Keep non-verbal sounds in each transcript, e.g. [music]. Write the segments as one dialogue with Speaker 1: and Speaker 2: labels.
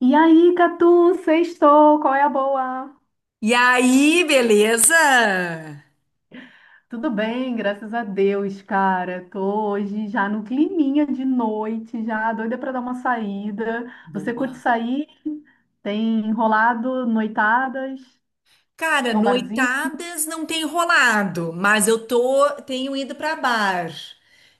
Speaker 1: E aí, Catu, sextou, qual é a boa?
Speaker 2: E aí, beleza?
Speaker 1: Tudo bem, graças a Deus, cara. Tô hoje já no climinha de noite, já doida pra dar uma saída. Você curte
Speaker 2: Boa.
Speaker 1: sair? Tem enrolado, noitadas?
Speaker 2: Cara,
Speaker 1: Ao barzinho?
Speaker 2: noitadas não tem rolado, mas tenho ido pra bar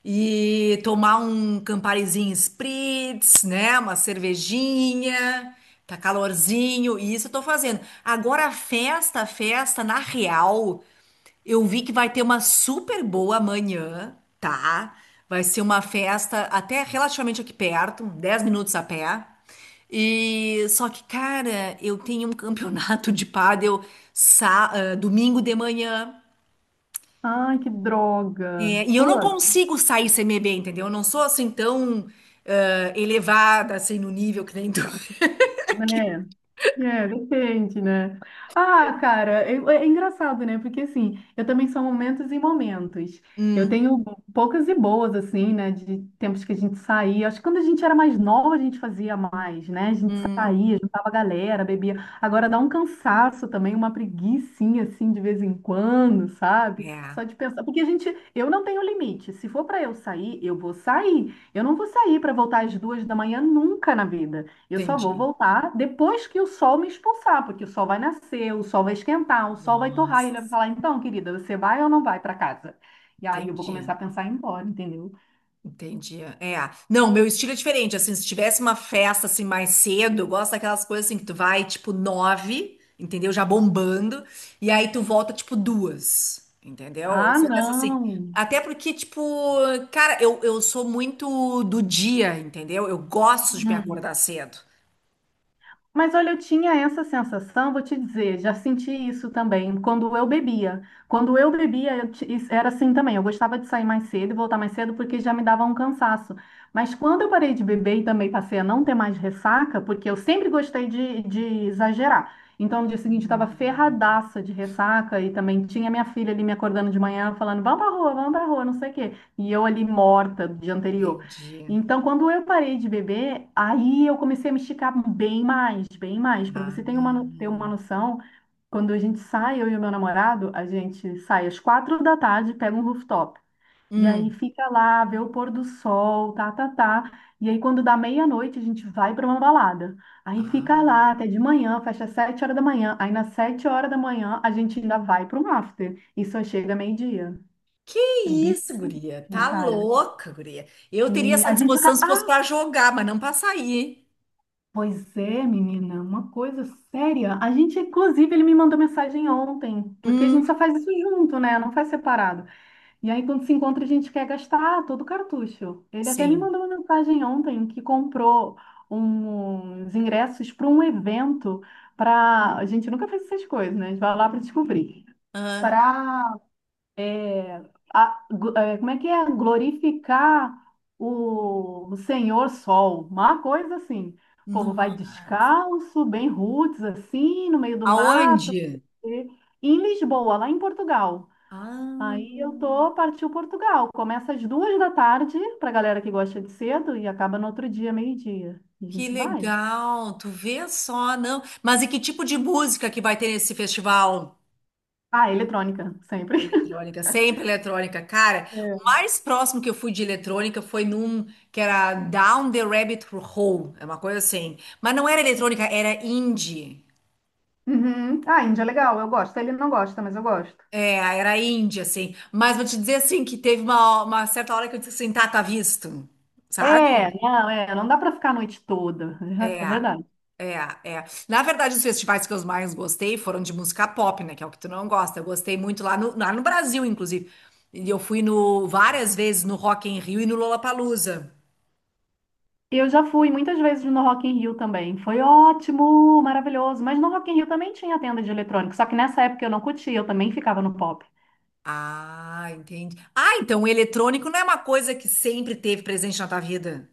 Speaker 2: e tomar um Camparizinho Spritz, né? Uma cervejinha, tá calorzinho, e isso eu tô fazendo. Agora, festa, festa, na real, eu vi que vai ter uma super boa amanhã, tá? Vai ser uma festa até relativamente aqui perto, 10 minutos a pé. E só que, cara, eu tenho um campeonato de pádel domingo de manhã.
Speaker 1: Ai, que droga.
Speaker 2: É, e eu
Speaker 1: Pô,
Speaker 2: não consigo sair sem beber, entendeu? Eu não sou assim tão elevada assim no nível que nem tu. [laughs]
Speaker 1: né? É, depende, né? Ah, cara, é engraçado, né? Porque assim, eu também sou momentos e momentos. Eu
Speaker 2: Hum,
Speaker 1: tenho poucas e boas, assim, né? De tempos que a gente saía. Acho que quando a gente era mais nova, a gente fazia mais, né? A gente
Speaker 2: hum,
Speaker 1: saía, juntava a galera, bebia. Agora dá um cansaço também, uma preguicinha, assim, de vez em quando, sabe?
Speaker 2: é,
Speaker 1: Só de pensar. Porque a gente, eu não tenho limite. Se for para eu sair, eu vou sair. Eu não vou sair para voltar às 2 da manhã nunca na vida. Eu só vou
Speaker 2: entendi.
Speaker 1: voltar depois que o sol me expulsar, porque o sol vai nascer, o sol vai esquentar, o sol vai torrar, e ele vai
Speaker 2: Nossa,
Speaker 1: falar: então, querida, você vai ou não vai para casa? E aí eu vou
Speaker 2: entendi.
Speaker 1: começar a pensar em ir embora, entendeu?
Speaker 2: Entendi. É. Não, meu estilo é diferente. Assim, se tivesse uma festa assim mais cedo, eu gosto daquelas coisas assim que tu vai tipo nove, entendeu? Já bombando, e aí tu volta tipo duas, entendeu? Eu
Speaker 1: Ah,
Speaker 2: sou dessa assim.
Speaker 1: não!
Speaker 2: Até porque, tipo, cara, eu sou muito do dia, entendeu? Eu gosto de me
Speaker 1: Hum.
Speaker 2: acordar cedo.
Speaker 1: Mas olha, eu tinha essa sensação, vou te dizer, já senti isso também quando eu bebia. Quando eu bebia, isso era assim também. Eu gostava de sair mais cedo e voltar mais cedo porque já me dava um cansaço. Mas quando eu parei de beber e também passei a não ter mais ressaca, porque eu sempre gostei de exagerar. Então, no dia seguinte, estava
Speaker 2: Hum,
Speaker 1: ferradaça de ressaca e também tinha minha filha ali me acordando de manhã falando: vamos pra rua, não sei o quê. E eu ali morta do dia anterior.
Speaker 2: entendi.
Speaker 1: Então, quando eu parei de beber, aí eu comecei a me esticar bem mais, bem mais. Para você
Speaker 2: Ah,
Speaker 1: ter uma, ter uma
Speaker 2: hum.
Speaker 1: noção, quando a gente sai, eu e o meu namorado, a gente sai às 4 da tarde, pega um rooftop. E
Speaker 2: Hum.
Speaker 1: aí fica lá, vê o pôr do sol, tá, tá, tá. E aí quando dá meia-noite, a gente vai para uma balada. Aí
Speaker 2: Ah.
Speaker 1: fica lá até de manhã, fecha às 7 horas da manhã. Aí nas 7 horas da manhã, a gente ainda vai para um after. E só chega meio-dia.
Speaker 2: Que
Speaker 1: É bem...
Speaker 2: isso, guria?
Speaker 1: Ótimo.
Speaker 2: Tá
Speaker 1: Cara,
Speaker 2: louca, guria. Eu teria
Speaker 1: sim,
Speaker 2: essa
Speaker 1: a gente
Speaker 2: disposição se fosse
Speaker 1: acaba.
Speaker 2: pra jogar, mas não pra sair.
Speaker 1: Pois é, menina, uma coisa séria. A gente, inclusive, ele me mandou mensagem ontem, porque a gente
Speaker 2: Hum,
Speaker 1: só faz isso junto, né? Não faz separado. E aí, quando se encontra, a gente quer gastar todo o cartucho. Ele até me
Speaker 2: sim.
Speaker 1: mandou uma mensagem ontem que comprou uns ingressos para um evento para. A gente nunca fez essas coisas, né? A gente vai lá para descobrir.
Speaker 2: Ah,
Speaker 1: Para é, como é que é? Glorificar o Senhor Sol, uma coisa assim. O povo vai
Speaker 2: nossa.
Speaker 1: descalço, bem roots, assim, no meio do mato.
Speaker 2: Aonde?
Speaker 1: E em Lisboa, lá em Portugal.
Speaker 2: Ah,
Speaker 1: Aí eu tô, partiu Portugal. Começa às 2 da tarde, pra galera que gosta de cedo, e acaba no outro dia, meio-dia. E a
Speaker 2: que
Speaker 1: gente vai.
Speaker 2: legal. Tu vê só, não. Mas e que tipo de música que vai ter nesse festival?
Speaker 1: Ah, eletrônica, sempre. [laughs]
Speaker 2: Eletrônica, sempre eletrônica, cara. O
Speaker 1: É.
Speaker 2: mais próximo que eu fui de eletrônica foi num que era Down the Rabbit Hole, é uma coisa assim. Mas não era eletrônica, era indie.
Speaker 1: Uhum. Ah, Índia é legal, eu gosto. Ele não gosta, mas eu gosto.
Speaker 2: É, era índia, assim. Mas vou te dizer, assim, que teve uma certa hora que eu disse assim, tá, tá visto, sabe?
Speaker 1: É, não dá pra ficar a noite toda, [laughs]
Speaker 2: É,
Speaker 1: é verdade.
Speaker 2: é, é. Na verdade, os festivais que eu mais gostei foram de música pop, né? Que é o que tu não gosta. Eu gostei muito lá no Brasil, inclusive. E eu fui no, várias vezes no Rock in Rio e no Lollapalooza.
Speaker 1: Eu já fui muitas vezes no Rock in Rio também, foi ótimo, maravilhoso, mas no Rock in Rio também tinha tenda de eletrônico, só que nessa época eu não curtia, eu também ficava no pop.
Speaker 2: Ah, entendi. Ah, então o eletrônico não é uma coisa que sempre teve presente na tua vida?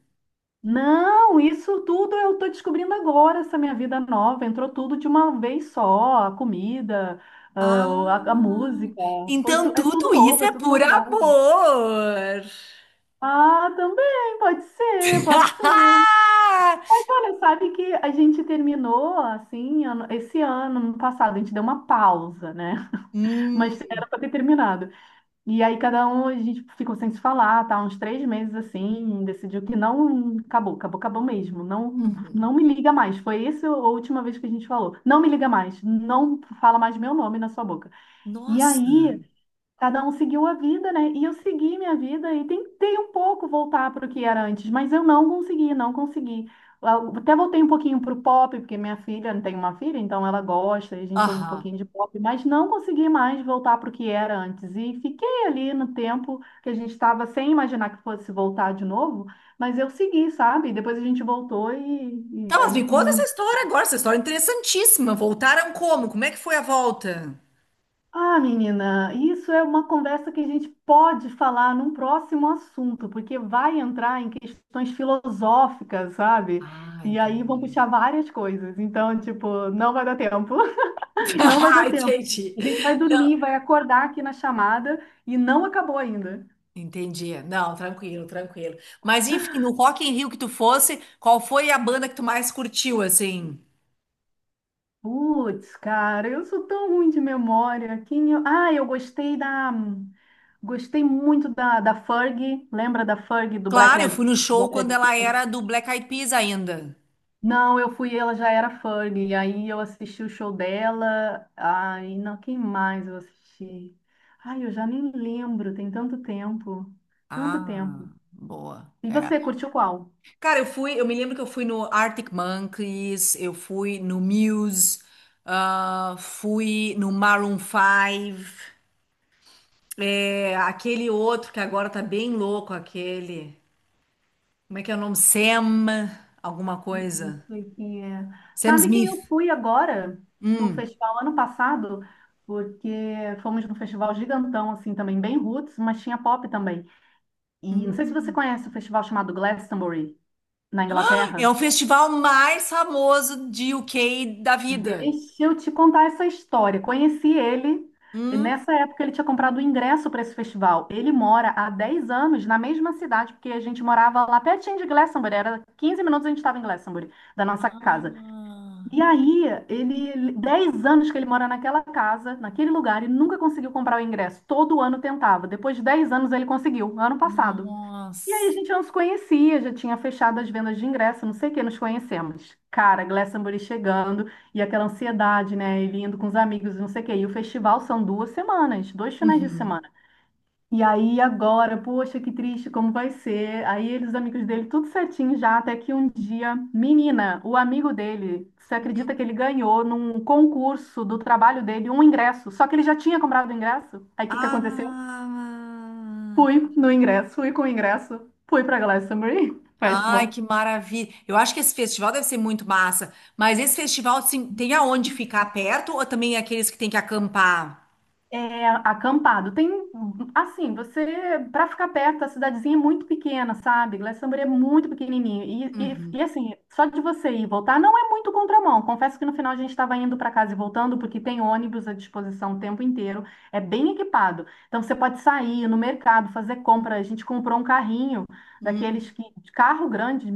Speaker 1: Não, isso tudo eu tô descobrindo agora, essa minha vida nova, entrou tudo de uma vez só, a comida, a
Speaker 2: Ah,
Speaker 1: música,
Speaker 2: então
Speaker 1: é tudo
Speaker 2: tudo isso
Speaker 1: novo, é
Speaker 2: é
Speaker 1: tudo
Speaker 2: por
Speaker 1: novidade.
Speaker 2: amor.
Speaker 1: Ah, também, pode ser, pode ser.
Speaker 2: [laughs]
Speaker 1: Mas olha, sabe que a gente terminou assim, esse ano, ano passado, a gente deu uma pausa, né? [laughs]
Speaker 2: Hum,
Speaker 1: Mas era pra ter terminado. E aí cada um, a gente ficou sem se falar, tá? Uns 3 meses assim, decidiu que não, acabou, acabou, acabou mesmo. Não,
Speaker 2: uhum.
Speaker 1: não me liga mais. Foi essa a última vez que a gente falou. Não me liga mais, não fala mais meu nome na sua boca. E
Speaker 2: Nossa.
Speaker 1: aí cada um seguiu a vida, né? E eu segui minha vida e tentei um pouco voltar para o que era antes, mas eu não consegui, não consegui. Eu até voltei um pouquinho para o pop, porque minha filha tem uma filha, então ela gosta, e a gente ouve um
Speaker 2: Aham.
Speaker 1: pouquinho de pop, mas não consegui mais voltar para o que era antes. E fiquei ali no tempo que a gente estava sem imaginar que fosse voltar de novo, mas eu segui, sabe? Depois a gente voltou e,
Speaker 2: Tá,
Speaker 1: e
Speaker 2: mas me
Speaker 1: aí
Speaker 2: conta essa
Speaker 1: minha...
Speaker 2: história agora. Essa história é interessantíssima. Voltaram como? Como é que foi a volta?
Speaker 1: Ah, menina, isso é uma conversa que a gente pode falar num próximo assunto, porque vai entrar em questões filosóficas, sabe?
Speaker 2: Ah,
Speaker 1: E aí vão
Speaker 2: entendi.
Speaker 1: puxar várias coisas. Então, tipo, não vai dar tempo.
Speaker 2: [laughs]
Speaker 1: [laughs] Não vai
Speaker 2: Ah,
Speaker 1: dar tempo.
Speaker 2: entendi.
Speaker 1: A gente vai
Speaker 2: Não,
Speaker 1: dormir, vai acordar aqui na chamada e não acabou ainda.
Speaker 2: entendi. Não, tranquilo, tranquilo. Mas enfim, no Rock in Rio que tu fosse, qual foi a banda que tu mais curtiu, assim?
Speaker 1: Putz, cara, eu sou tão ruim de memória. Quem eu... Ah, eu gostei da. Gostei muito da Ferg. Lembra da Ferg do
Speaker 2: Claro, eu fui no show
Speaker 1: Black
Speaker 2: quando
Speaker 1: Eyed
Speaker 2: ela
Speaker 1: Peas?
Speaker 2: era do Black Eyed Peas ainda.
Speaker 1: Não, eu fui, ela já era fã, e aí eu assisti o show dela. Ai, não, quem mais eu assisti? Ai, eu já nem lembro, tem tanto tempo, tanto tempo.
Speaker 2: Ah, boa.
Speaker 1: E
Speaker 2: É.
Speaker 1: você, curtiu qual?
Speaker 2: Cara, eu fui, eu me lembro que eu fui no Arctic Monkeys, eu fui no Muse, ah, fui no Maroon 5, é, aquele outro que agora tá bem louco, aquele. Como é que é o nome? Sam, alguma
Speaker 1: Não
Speaker 2: coisa.
Speaker 1: sei quem é.
Speaker 2: Sam
Speaker 1: Sabe quem eu
Speaker 2: Smith.
Speaker 1: fui agora no festival ano passado? Porque fomos num festival gigantão, assim, também bem roots, mas tinha pop também. E não sei se você conhece o festival chamado Glastonbury, na Inglaterra.
Speaker 2: É o festival mais famoso de UK da vida.
Speaker 1: Deixa eu te contar essa história. Conheci ele, e
Speaker 2: Hum?
Speaker 1: nessa época ele tinha comprado o ingresso para esse festival. Ele mora há 10 anos na mesma cidade, porque a gente morava lá pertinho de Glastonbury, era 15 minutos a gente estava em Glastonbury, da nossa casa.
Speaker 2: Ah,
Speaker 1: E aí, ele, 10 anos que ele mora naquela casa, naquele lugar, e nunca conseguiu comprar o ingresso. Todo ano tentava. Depois de 10 anos ele conseguiu, ano passado. E aí a
Speaker 2: nossa.
Speaker 1: gente já nos conhecia, já tinha fechado as vendas de ingresso, não sei o que, nos conhecemos. Cara, Glastonbury chegando e aquela ansiedade, né? Ele indo com os amigos, não sei o que. E o festival são 2 semanas, 2 finais de
Speaker 2: Uhum.
Speaker 1: semana. E aí agora, poxa, que triste, como vai ser? Aí eles, os amigos dele, tudo certinho já, até que um dia, menina, o amigo dele, você
Speaker 2: Uhum.
Speaker 1: acredita que ele ganhou num concurso do trabalho dele um ingresso? Só que ele já tinha comprado o ingresso. Aí o que que aconteceu?
Speaker 2: Ah,
Speaker 1: Fui no ingresso e com o ingresso fui para Glastonbury
Speaker 2: ai, que
Speaker 1: Festival.
Speaker 2: maravilha. Eu acho que esse festival deve ser muito massa. Mas esse festival, assim, tem aonde ficar perto ou também é aqueles que tem que acampar?
Speaker 1: É, acampado. Tem, assim, você, para ficar perto, a cidadezinha é muito pequena, sabe? Glastonbury é muito pequenininho.
Speaker 2: Uhum.
Speaker 1: Assim, só de você ir e voltar não é muito contramão. Confesso que no final a gente estava indo para casa e voltando, porque tem ônibus à disposição o tempo inteiro. É bem equipado. Então você pode sair no mercado, fazer compra. A gente comprou um carrinho
Speaker 2: Hum,
Speaker 1: daqueles que, de carro grande,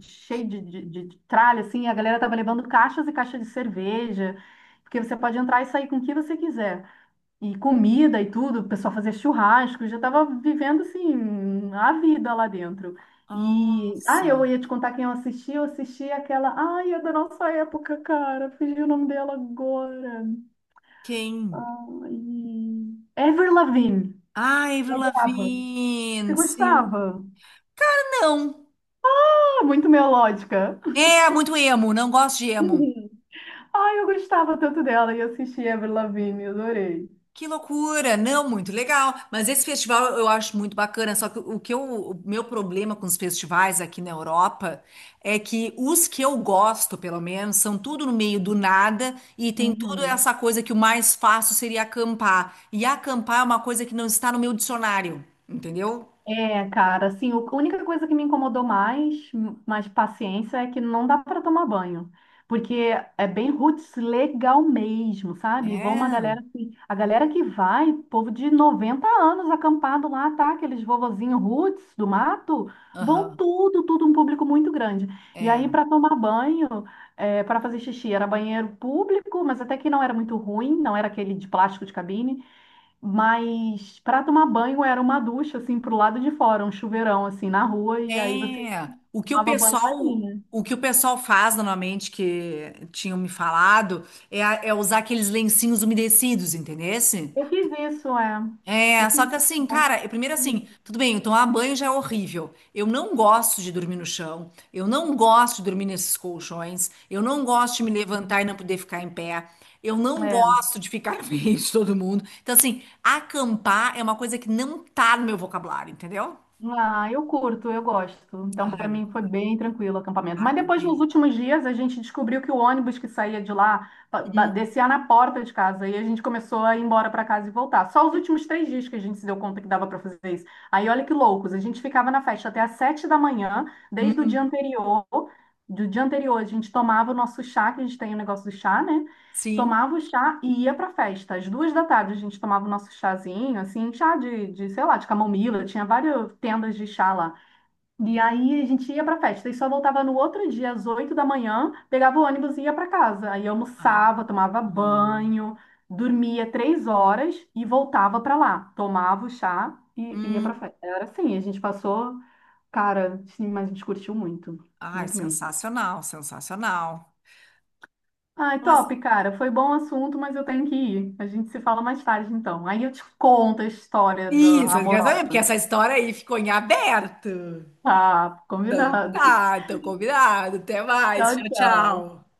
Speaker 1: cheio de tralha, assim. A galera tava levando caixas e caixas de cerveja, porque você pode entrar e sair com o que você quiser e comida e tudo, o pessoal fazia churrasco, eu já estava vivendo assim a vida lá dentro. E ah,
Speaker 2: nossa.
Speaker 1: eu ia te contar quem eu assisti aquela, ai, é da nossa época, cara, fugiu o nome dela agora.
Speaker 2: Quem?
Speaker 1: Ai, Avril Lavigne.
Speaker 2: Ah,
Speaker 1: Eu
Speaker 2: Avril
Speaker 1: adorava. Você
Speaker 2: Lavigne, sim.
Speaker 1: gostava?
Speaker 2: Não.
Speaker 1: Ah, muito melódica. [laughs]
Speaker 2: É, muito emo, não gosto de emo.
Speaker 1: Uhum. Ai, eu gostava tanto dela e assisti Avril Lavigne, eu adorei.
Speaker 2: Que loucura! Não, muito legal. Mas esse festival eu acho muito bacana. Só que o que eu, o meu problema com os festivais aqui na Europa é que os que eu gosto, pelo menos, são tudo no meio do nada e tem tudo
Speaker 1: Uhum.
Speaker 2: essa coisa que o mais fácil seria acampar. E acampar é uma coisa que não está no meu dicionário, entendeu?
Speaker 1: É, cara, assim, a única coisa que me incomodou mais, mais paciência, é que não dá para tomar banho. Porque é bem roots legal mesmo, sabe? Vão uma
Speaker 2: É.
Speaker 1: galera assim, a galera que vai, povo de 90 anos acampado lá, tá? Aqueles vovozinhos roots do mato, vão
Speaker 2: Aham.
Speaker 1: tudo, tudo um público muito grande. E
Speaker 2: É.
Speaker 1: aí, para tomar banho, para fazer xixi, era banheiro público, mas até que não era muito ruim, não era aquele de plástico de cabine. Mas para tomar banho era uma ducha assim pro lado de fora, um chuveirão assim na rua e aí você
Speaker 2: É,
Speaker 1: tomava banho ali, né?
Speaker 2: o que o pessoal faz normalmente que tinham me falado é, é usar aqueles lencinhos umedecidos, entendesse?
Speaker 1: Eu fiz isso, é.
Speaker 2: É,
Speaker 1: Eu fiz
Speaker 2: só que
Speaker 1: isso,
Speaker 2: assim,
Speaker 1: mas...
Speaker 2: cara, eu- primeiro assim, tudo bem, eu tomar banho já é horrível. Eu não gosto de dormir no chão, eu não gosto de dormir nesses colchões, eu não gosto de me levantar e não poder ficar em pé, eu não
Speaker 1: É.
Speaker 2: gosto de ficar [laughs] em frente de todo mundo. Então, assim, acampar é uma coisa que não tá no meu vocabulário, entendeu?
Speaker 1: Ah, eu curto, eu gosto. Então, para
Speaker 2: Ai, não.
Speaker 1: mim foi bem tranquilo o acampamento.
Speaker 2: Ai,
Speaker 1: Mas
Speaker 2: tá
Speaker 1: depois, nos últimos dias, a gente descobriu que o ônibus que saía de lá descia na porta de casa e a gente começou a ir embora para casa e voltar. Só os últimos 3 dias que a gente se deu conta que dava para fazer isso. Aí, olha que loucos, a gente ficava na festa até às 7 da manhã, desde o dia
Speaker 2: bem.
Speaker 1: anterior. Do dia anterior, a gente tomava o nosso chá, que a gente tem o negócio do chá, né?
Speaker 2: Sim.
Speaker 1: Tomava o chá e ia pra festa. Às duas da tarde a gente tomava o nosso chazinho, assim, chá sei lá, de camomila, tinha várias tendas de chá lá. E aí a gente ia pra festa e só voltava no outro dia, às 8 da manhã, pegava o ônibus e ia pra casa. Aí
Speaker 2: Ah.
Speaker 1: almoçava, tomava banho, dormia 3 horas e voltava pra lá. Tomava o chá e ia pra
Speaker 2: Hum.
Speaker 1: festa. Era assim, a gente passou, cara, sim, mas a gente curtiu muito,
Speaker 2: Ai,
Speaker 1: muito mesmo.
Speaker 2: sensacional, sensacional.
Speaker 1: Ai,
Speaker 2: Mas-
Speaker 1: top, cara. Foi bom o assunto, mas eu tenho que ir. A gente se fala mais tarde, então. Aí eu te conto a história da
Speaker 2: Isso, eu quero saber, porque
Speaker 1: amorosa.
Speaker 2: essa história aí ficou em aberto.
Speaker 1: Tá,
Speaker 2: Então
Speaker 1: combinado.
Speaker 2: tá, então combinado. Até mais.
Speaker 1: Tchau,
Speaker 2: Tchau,
Speaker 1: tchau.
Speaker 2: tchau.